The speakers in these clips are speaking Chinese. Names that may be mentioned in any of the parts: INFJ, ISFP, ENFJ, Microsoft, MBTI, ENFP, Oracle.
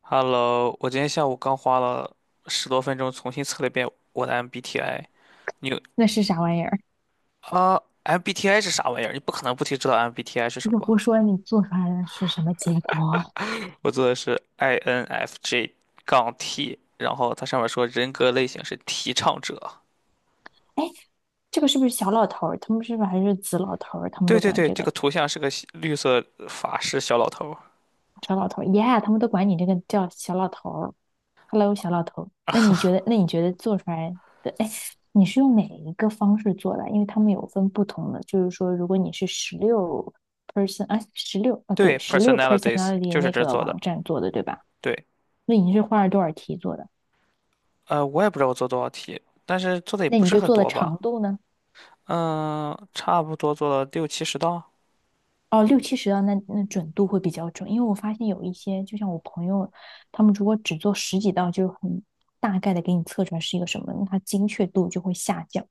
Hello，我今天下午刚花了十多分钟重新测了一遍我的 MBTI。你有那是啥玩意儿？啊，MBTI 是啥玩意儿？你不可能不提知道 MBTI 是如什果么吧？不说你做出来的是什么结果？我做的是 INFJ 杠 T，然后它上面说人格类型是提倡者。哎，这个是不是小老头儿？他们是不是还是子老头儿？对对对，这个图像是个西绿色法师小老头儿。他们都管你这个叫小老头儿。Hello，小老头儿。那你觉得做出来的？哎，你是用哪一个方式做的？因为他们有分不同的，就是说，如果你是十六 person 啊，十六啊，对，对十六 ，personalities personality 就是那这儿个做的。网站做的，对吧？对，那你是花了多少题做的？我也不知道我做多少题，但是做的也那不你是就很做的多长吧？度呢？嗯，差不多做了六七十道。哦，六七十道那准度会比较准，因为我发现有一些，就像我朋友，他们如果只做十几道，就很大概的给你测出来是一个什么，那它精确度就会下降。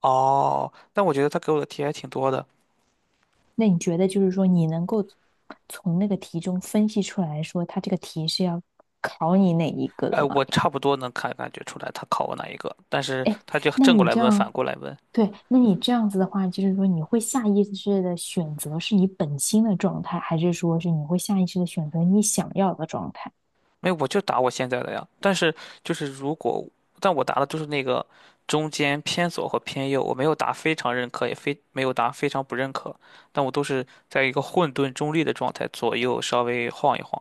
哦，但我觉得他给我的题还挺多的。那你觉得就是说，你能够从那个题中分析出来说，它这个题是要考你哪一个哎，的吗？我差不多能看感觉出来他考我哪一个，但是他就那正过你来这问，反样，过来问。对，那你这样子的话，就是说你会下意识的选择是你本心的状态，还是说是你会下意识的选择你想要的状态？没有，我就答我现在的呀。但是就是如果，但我答的就是那个中间偏左和偏右，我没有答非常认可，也非没有答非常不认可，但我都是在一个混沌中立的状态，左右稍微晃一晃。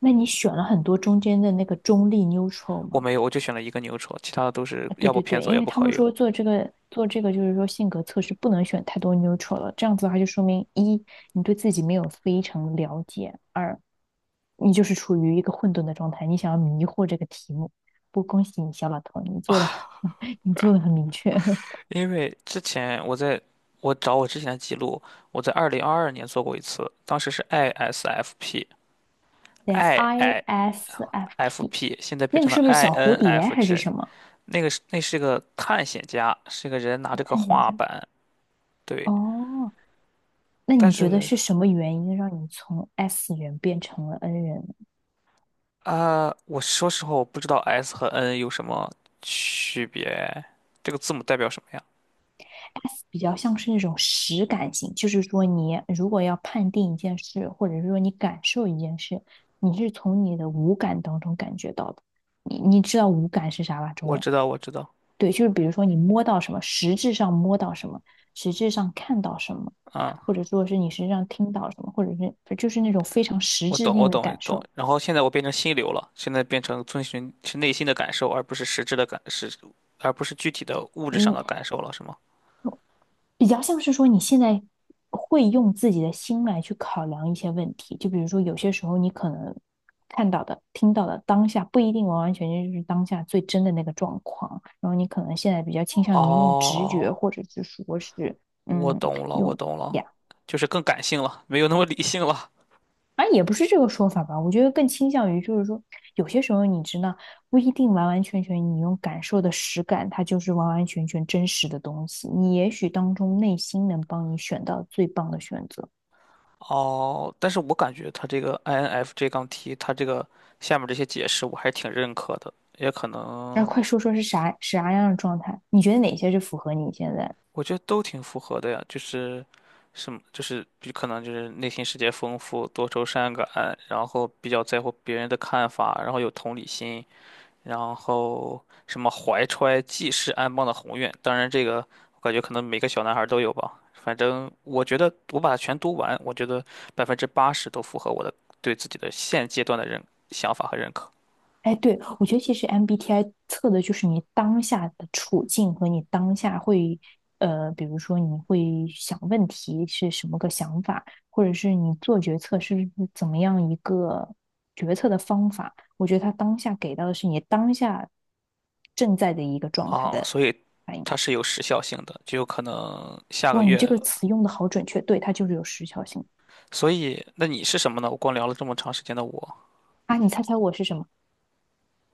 那你选了很多中间的那个中立 neutral 我吗？没有，我就选了一个牛车，其他的都是啊，对要不对偏对，左，因要为不他靠们右。说做这个就是说性格测试不能选太多 neutral 了，这样子的话就说明一你对自己没有非常了解，二你就是处于一个混沌的状态，你想要迷惑这个题目。不，恭喜你，小老头，你做的 你做的很明确。因为之前我在我找我之前的记录，我在2022年做过一次，当时是 等一下 i ISFP，IIFP，s f p 现在变那个成了 是不是小蝴蝶还是 INFJ。什么？那个是那是个探险家，是个人拿我着个探一画下。板，对。哦，那但你觉得是是什么原因让你从 S 人变成了 N 人呢？我说实话，我不知道 S 和 N 有什么区别，这个字母代表什么呀？比较像是那种实感型，就是说你如果要判定一件事，或者是说你感受一件事，你是从你的五感当中感觉到的。你知道五感是啥吧？中我文，知道，我知道，对，就是比如说你摸到什么，实质上摸到什么，实质上看到什么，嗯。或者说是你实际上听到什么，或者是就是那种非常实我质懂，我性的懂，感懂。受。然后现在我变成心流了，现在变成遵循是内心的感受，而不是实质的感，是，而不是具体的物质上嗯，的感受了，是吗？比较像是说你现在会用自己的心来去考量一些问题，就比如说有些时候你可能看到的、听到的当下不一定完完全全就是当下最真的那个状况，然后你可能现在比较倾向于用直觉，哦，或者是说是我嗯懂了，我用。懂了，就是更感性了，没有那么理性了。啊，也不是这个说法吧，我觉得更倾向于就是说，有些时候你知道不一定完完全全你用感受的实感，它就是完完全全真实的东西。你也许当中内心能帮你选到最棒的选择。哦，但是我感觉他这个 INFJ 杠 T，他这个下面这些解释我还挺认可的，也可然后能快说说是啥样的状态？你觉得哪些是符合你现在？我觉得都挺符合的呀，就是什么，就是比可能就是内心世界丰富、多愁善感，然后比较在乎别人的看法，然后有同理心，然后什么怀揣济世安邦的宏愿。当然，这个我感觉可能每个小男孩都有吧。反正我觉得我把它全读完，我觉得80%都符合我的对自己的现阶段的认想法和认可。哎，对，我觉得其实 MBTI 测的就是你当下的处境和你当下会，比如说你会想问题是什么个想法，或者是你做决策是怎么样一个决策的方法。我觉得他当下给到的是你当下正在的一个状态啊，的所以反应。它是有时效性的，就有可能下个哇，你这月。个词用的好准确，对，它就是有时效性所以，那你是什么呢？我光聊了这么长时间的我，啊！你猜猜我是什么？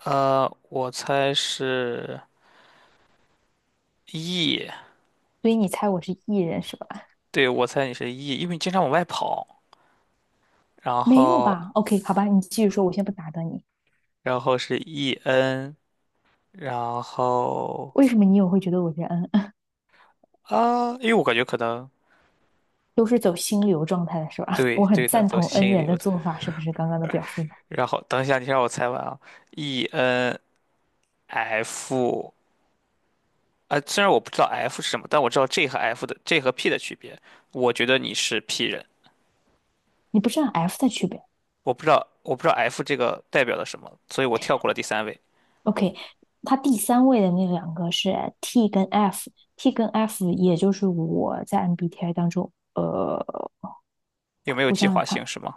我猜是 E，所以你猜我是艺人是吧？对，我猜你是 E，因为你经常往外跑，然没有后，吧？OK，好吧，你继续说，我先不打断你。然后是 EN，然后为什么你也会觉得我是 N？啊，因为我感觉可能 都是走心流状态的是吧？对我很对的，赞走同 N 心人流的的。做法，是不是刚刚的表述中？然后等一下，你先让我猜完啊，ENF，啊，虽然我不知道 F 是什么，但我知道 J 和 F 的 J 和 P 的区别，我觉得你是 P 人。你不是按 F 的区别我不知道，我不知道 F 这个代表了什么，所以我跳过了第三位。？OK，它第三位的那两个是 T 跟 F，T 跟 F 也就是我在 MBTI 当中，有没有我计想想划性看，是吗？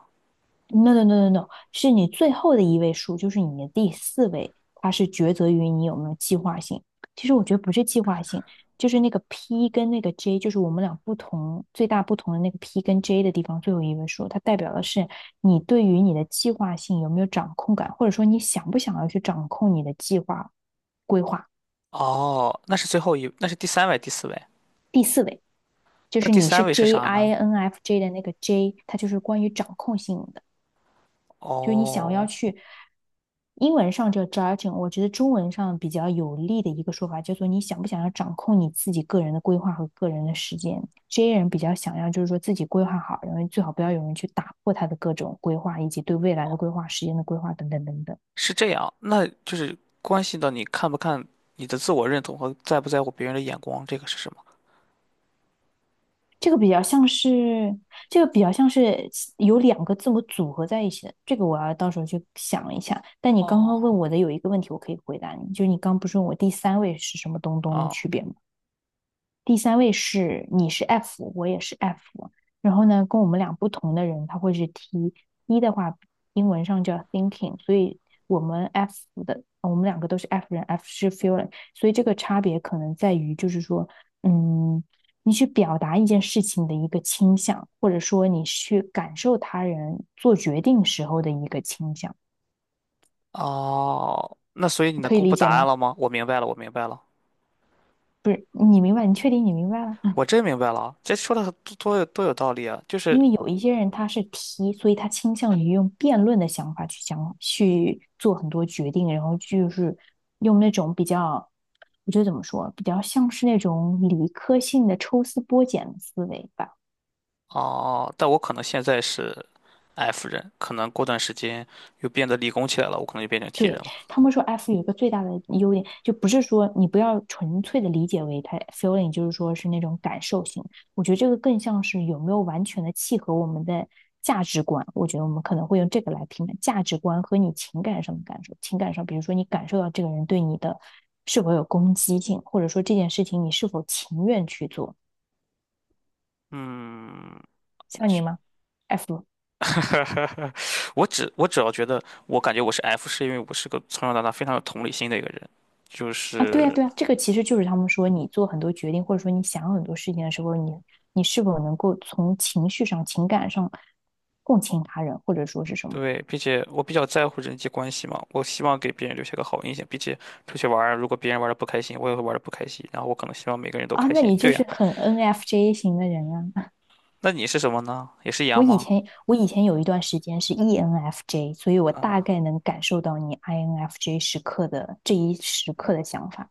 No no no no no，是你最后的一位数，就是你的第四位，它是抉择于你有没有计划性。其实我觉得不是计划性，就是那个 P 跟那个 J，就是我们俩不同最大不同的那个 P 跟 J 的地方，最后一位数，它代表的是你对于你的计划性有没有掌控感，或者说你想不想要去掌控你的计划规划。哦，那是最后一，那是第三位，第四位。第四位就那是第你三是 位是 J 啥呢？I N F J 的那个 J，它就是关于掌控性的。就是你想要哦，去英文上叫 judging，我觉得中文上比较有力的一个说法叫做你想不想要掌控你自己个人的规划和个人的时间。这些人比较想要就是说自己规划好，然后最好不要有人去打破他的各种规划，以及对未来的规划、时间的规划等等等等。是这样，那就是关系到你看不看你的自我认同和在不在乎别人的眼光，这个是什么？这个比较像是，这个比较像是有两个字母组合在一起的，这个我要到时候去想一下。但你刚刚哦，问我的有一个问题，我可以回答你，就是你刚不是问我第三位是什么东东的哦，区别吗？第三位是你是 F，我也是 F。然后呢，跟我们俩不同的人，他会是 T。一的话，英文上叫 thinking，所以我们 F 我们两个都是 F 人，F 是 feeling，所以这个差别可能在于，就是说，嗯，你去表达一件事情的一个倾向，或者说你去感受他人做决定时候的一个倾向，哦，那所以你能可以公布理解答案吗？了吗？我明白了，我明白了，不是，你明白？你确定你明白了？我真明白了啊，这说的多多有多有道理啊！就是因为有一些人他是 T，所以他倾向于用辩论的想法去想去做很多决定，然后就是用那种比较，我觉得怎么说，比较像是那种理科性的抽丝剥茧的思维吧。哦，但我可能现在是 F 人，可能过段时间又变得理工起来了，我可能就变成 T 人对，了。他们说 F 有一个最大的优点，就不是说你不要纯粹的理解为它 feeling，就是说是那种感受型。我觉得这个更像是有没有完全的契合我们的价值观。我觉得我们可能会用这个来评判价值观和你情感上的感受。情感上，比如说你感受到这个人对你的是否有攻击性，或者说这件事情你是否情愿去做。嗯，像你吗？F 我只要觉得，我感觉我是 F，是因为我是个从小到大非常有同理心的一个人，就啊，对呀，是对呀，这个其实就是他们说，你做很多决定，或者说你想很多事情的时候，你是否能够从情绪上、情感上共情他人，或者说是什么对，并且我比较在乎人际关系嘛，我希望给别人留下个好印象，并且出去玩儿，如果别人玩的不开心，我也会玩的不开心，然后我可能希望每个人都啊？开那心。你就对呀，是很 NFJ 型的人啊。那你是什么呢？也是一我样以吗？前我以前有一段时间是 ENFJ，所以我大啊，概能感受到你 INFJ 时刻的这一时刻的想法。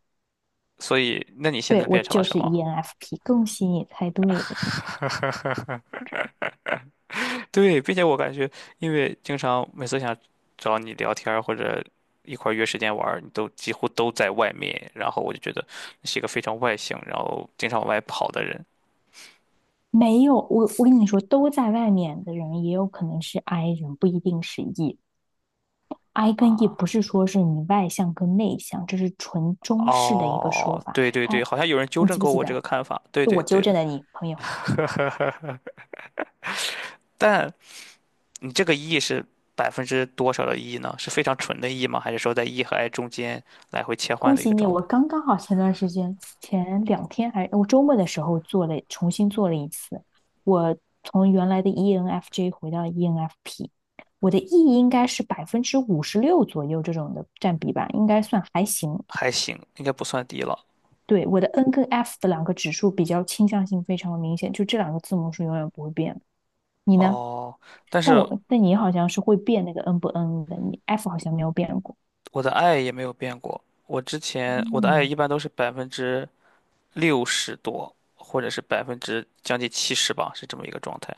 所以那你现对，在我变成了就什是 么？ENFP，恭喜你猜对。对，并且我感觉，因为经常每次想找你聊天儿或者一块儿约时间玩儿，你都几乎都在外面，然后我就觉得你是一个非常外向，然后经常往外跑的人没有，我跟你说，都在外面的人也有可能是 I 人，不一定是 E。I 跟 E 啊。不是说是你外向跟内向，这是纯中式的一个说哦，法。对对对，他，好像有人纠你正记不过记我这个得？看法。对是对我纠对的，正的你朋友。但你这个 E 是百分之多少的 E 呢？是非常纯的 E 吗？还是说在 E 和 I 中间来回切换恭的一喜个你，状我态？刚刚好前段时间，前两天还我周末的时候做了，重新做了一次。我从原来的 ENFJ 回到 ENFP，我的 E 应该是56%左右这种的占比吧，应该算还行。还行，应该不算低了。对，我的 N 跟 F 的两个指数比较倾向性非常的明显，就这两个字母是永远不会变的。你呢？哦，但但是。我但你好像是会变那个 N 不 N 的，你 F 好像没有变过。我的爱也没有变过。我之前我的爱嗯，一般都是60多%，或者是将近70%吧，是这么一个状态。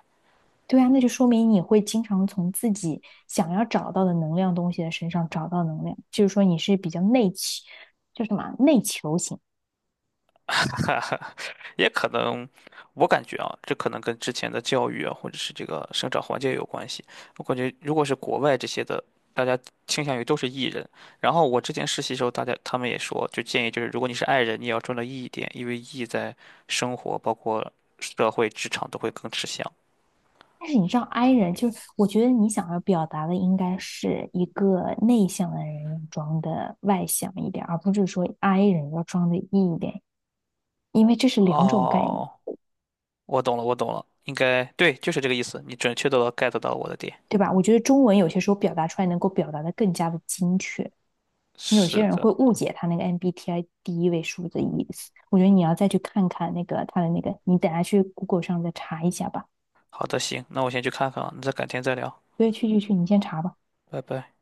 对啊，那就说明你会经常从自己想要找到的能量东西的身上找到能量，就是说你是比较内求，叫什么内求型。也可能，我感觉啊，这可能跟之前的教育啊，或者是这个生长环境有关系。我感觉如果是国外这些的，大家倾向于都是 E 人。然后我之前实习时候，大家他们也说，就建议就是，如果你是 I 人，你也要专到 E 一点，因为 E 在生活包括社会职场都会更吃香。但是你知道 I 人，就是我觉得你想要表达的应该是一个内向的人要装的外向一点，而不是说 I 人要装的 E 一点，因为这是两种概念。哦，我懂了，我懂了，应该对，就是这个意思。你准确的 get 到我的点。对吧？我觉得中文有些时候表达出来能够表达的更加的精确。你有些是人会的，误解他那个 MBTI 第一位数字意思，我觉得你要再去看看那个他的那个，你等下去 Google 上再查一下吧。好的，行，那我先去看看啊，那再改天再聊，对，去去去，你先查吧。拜拜。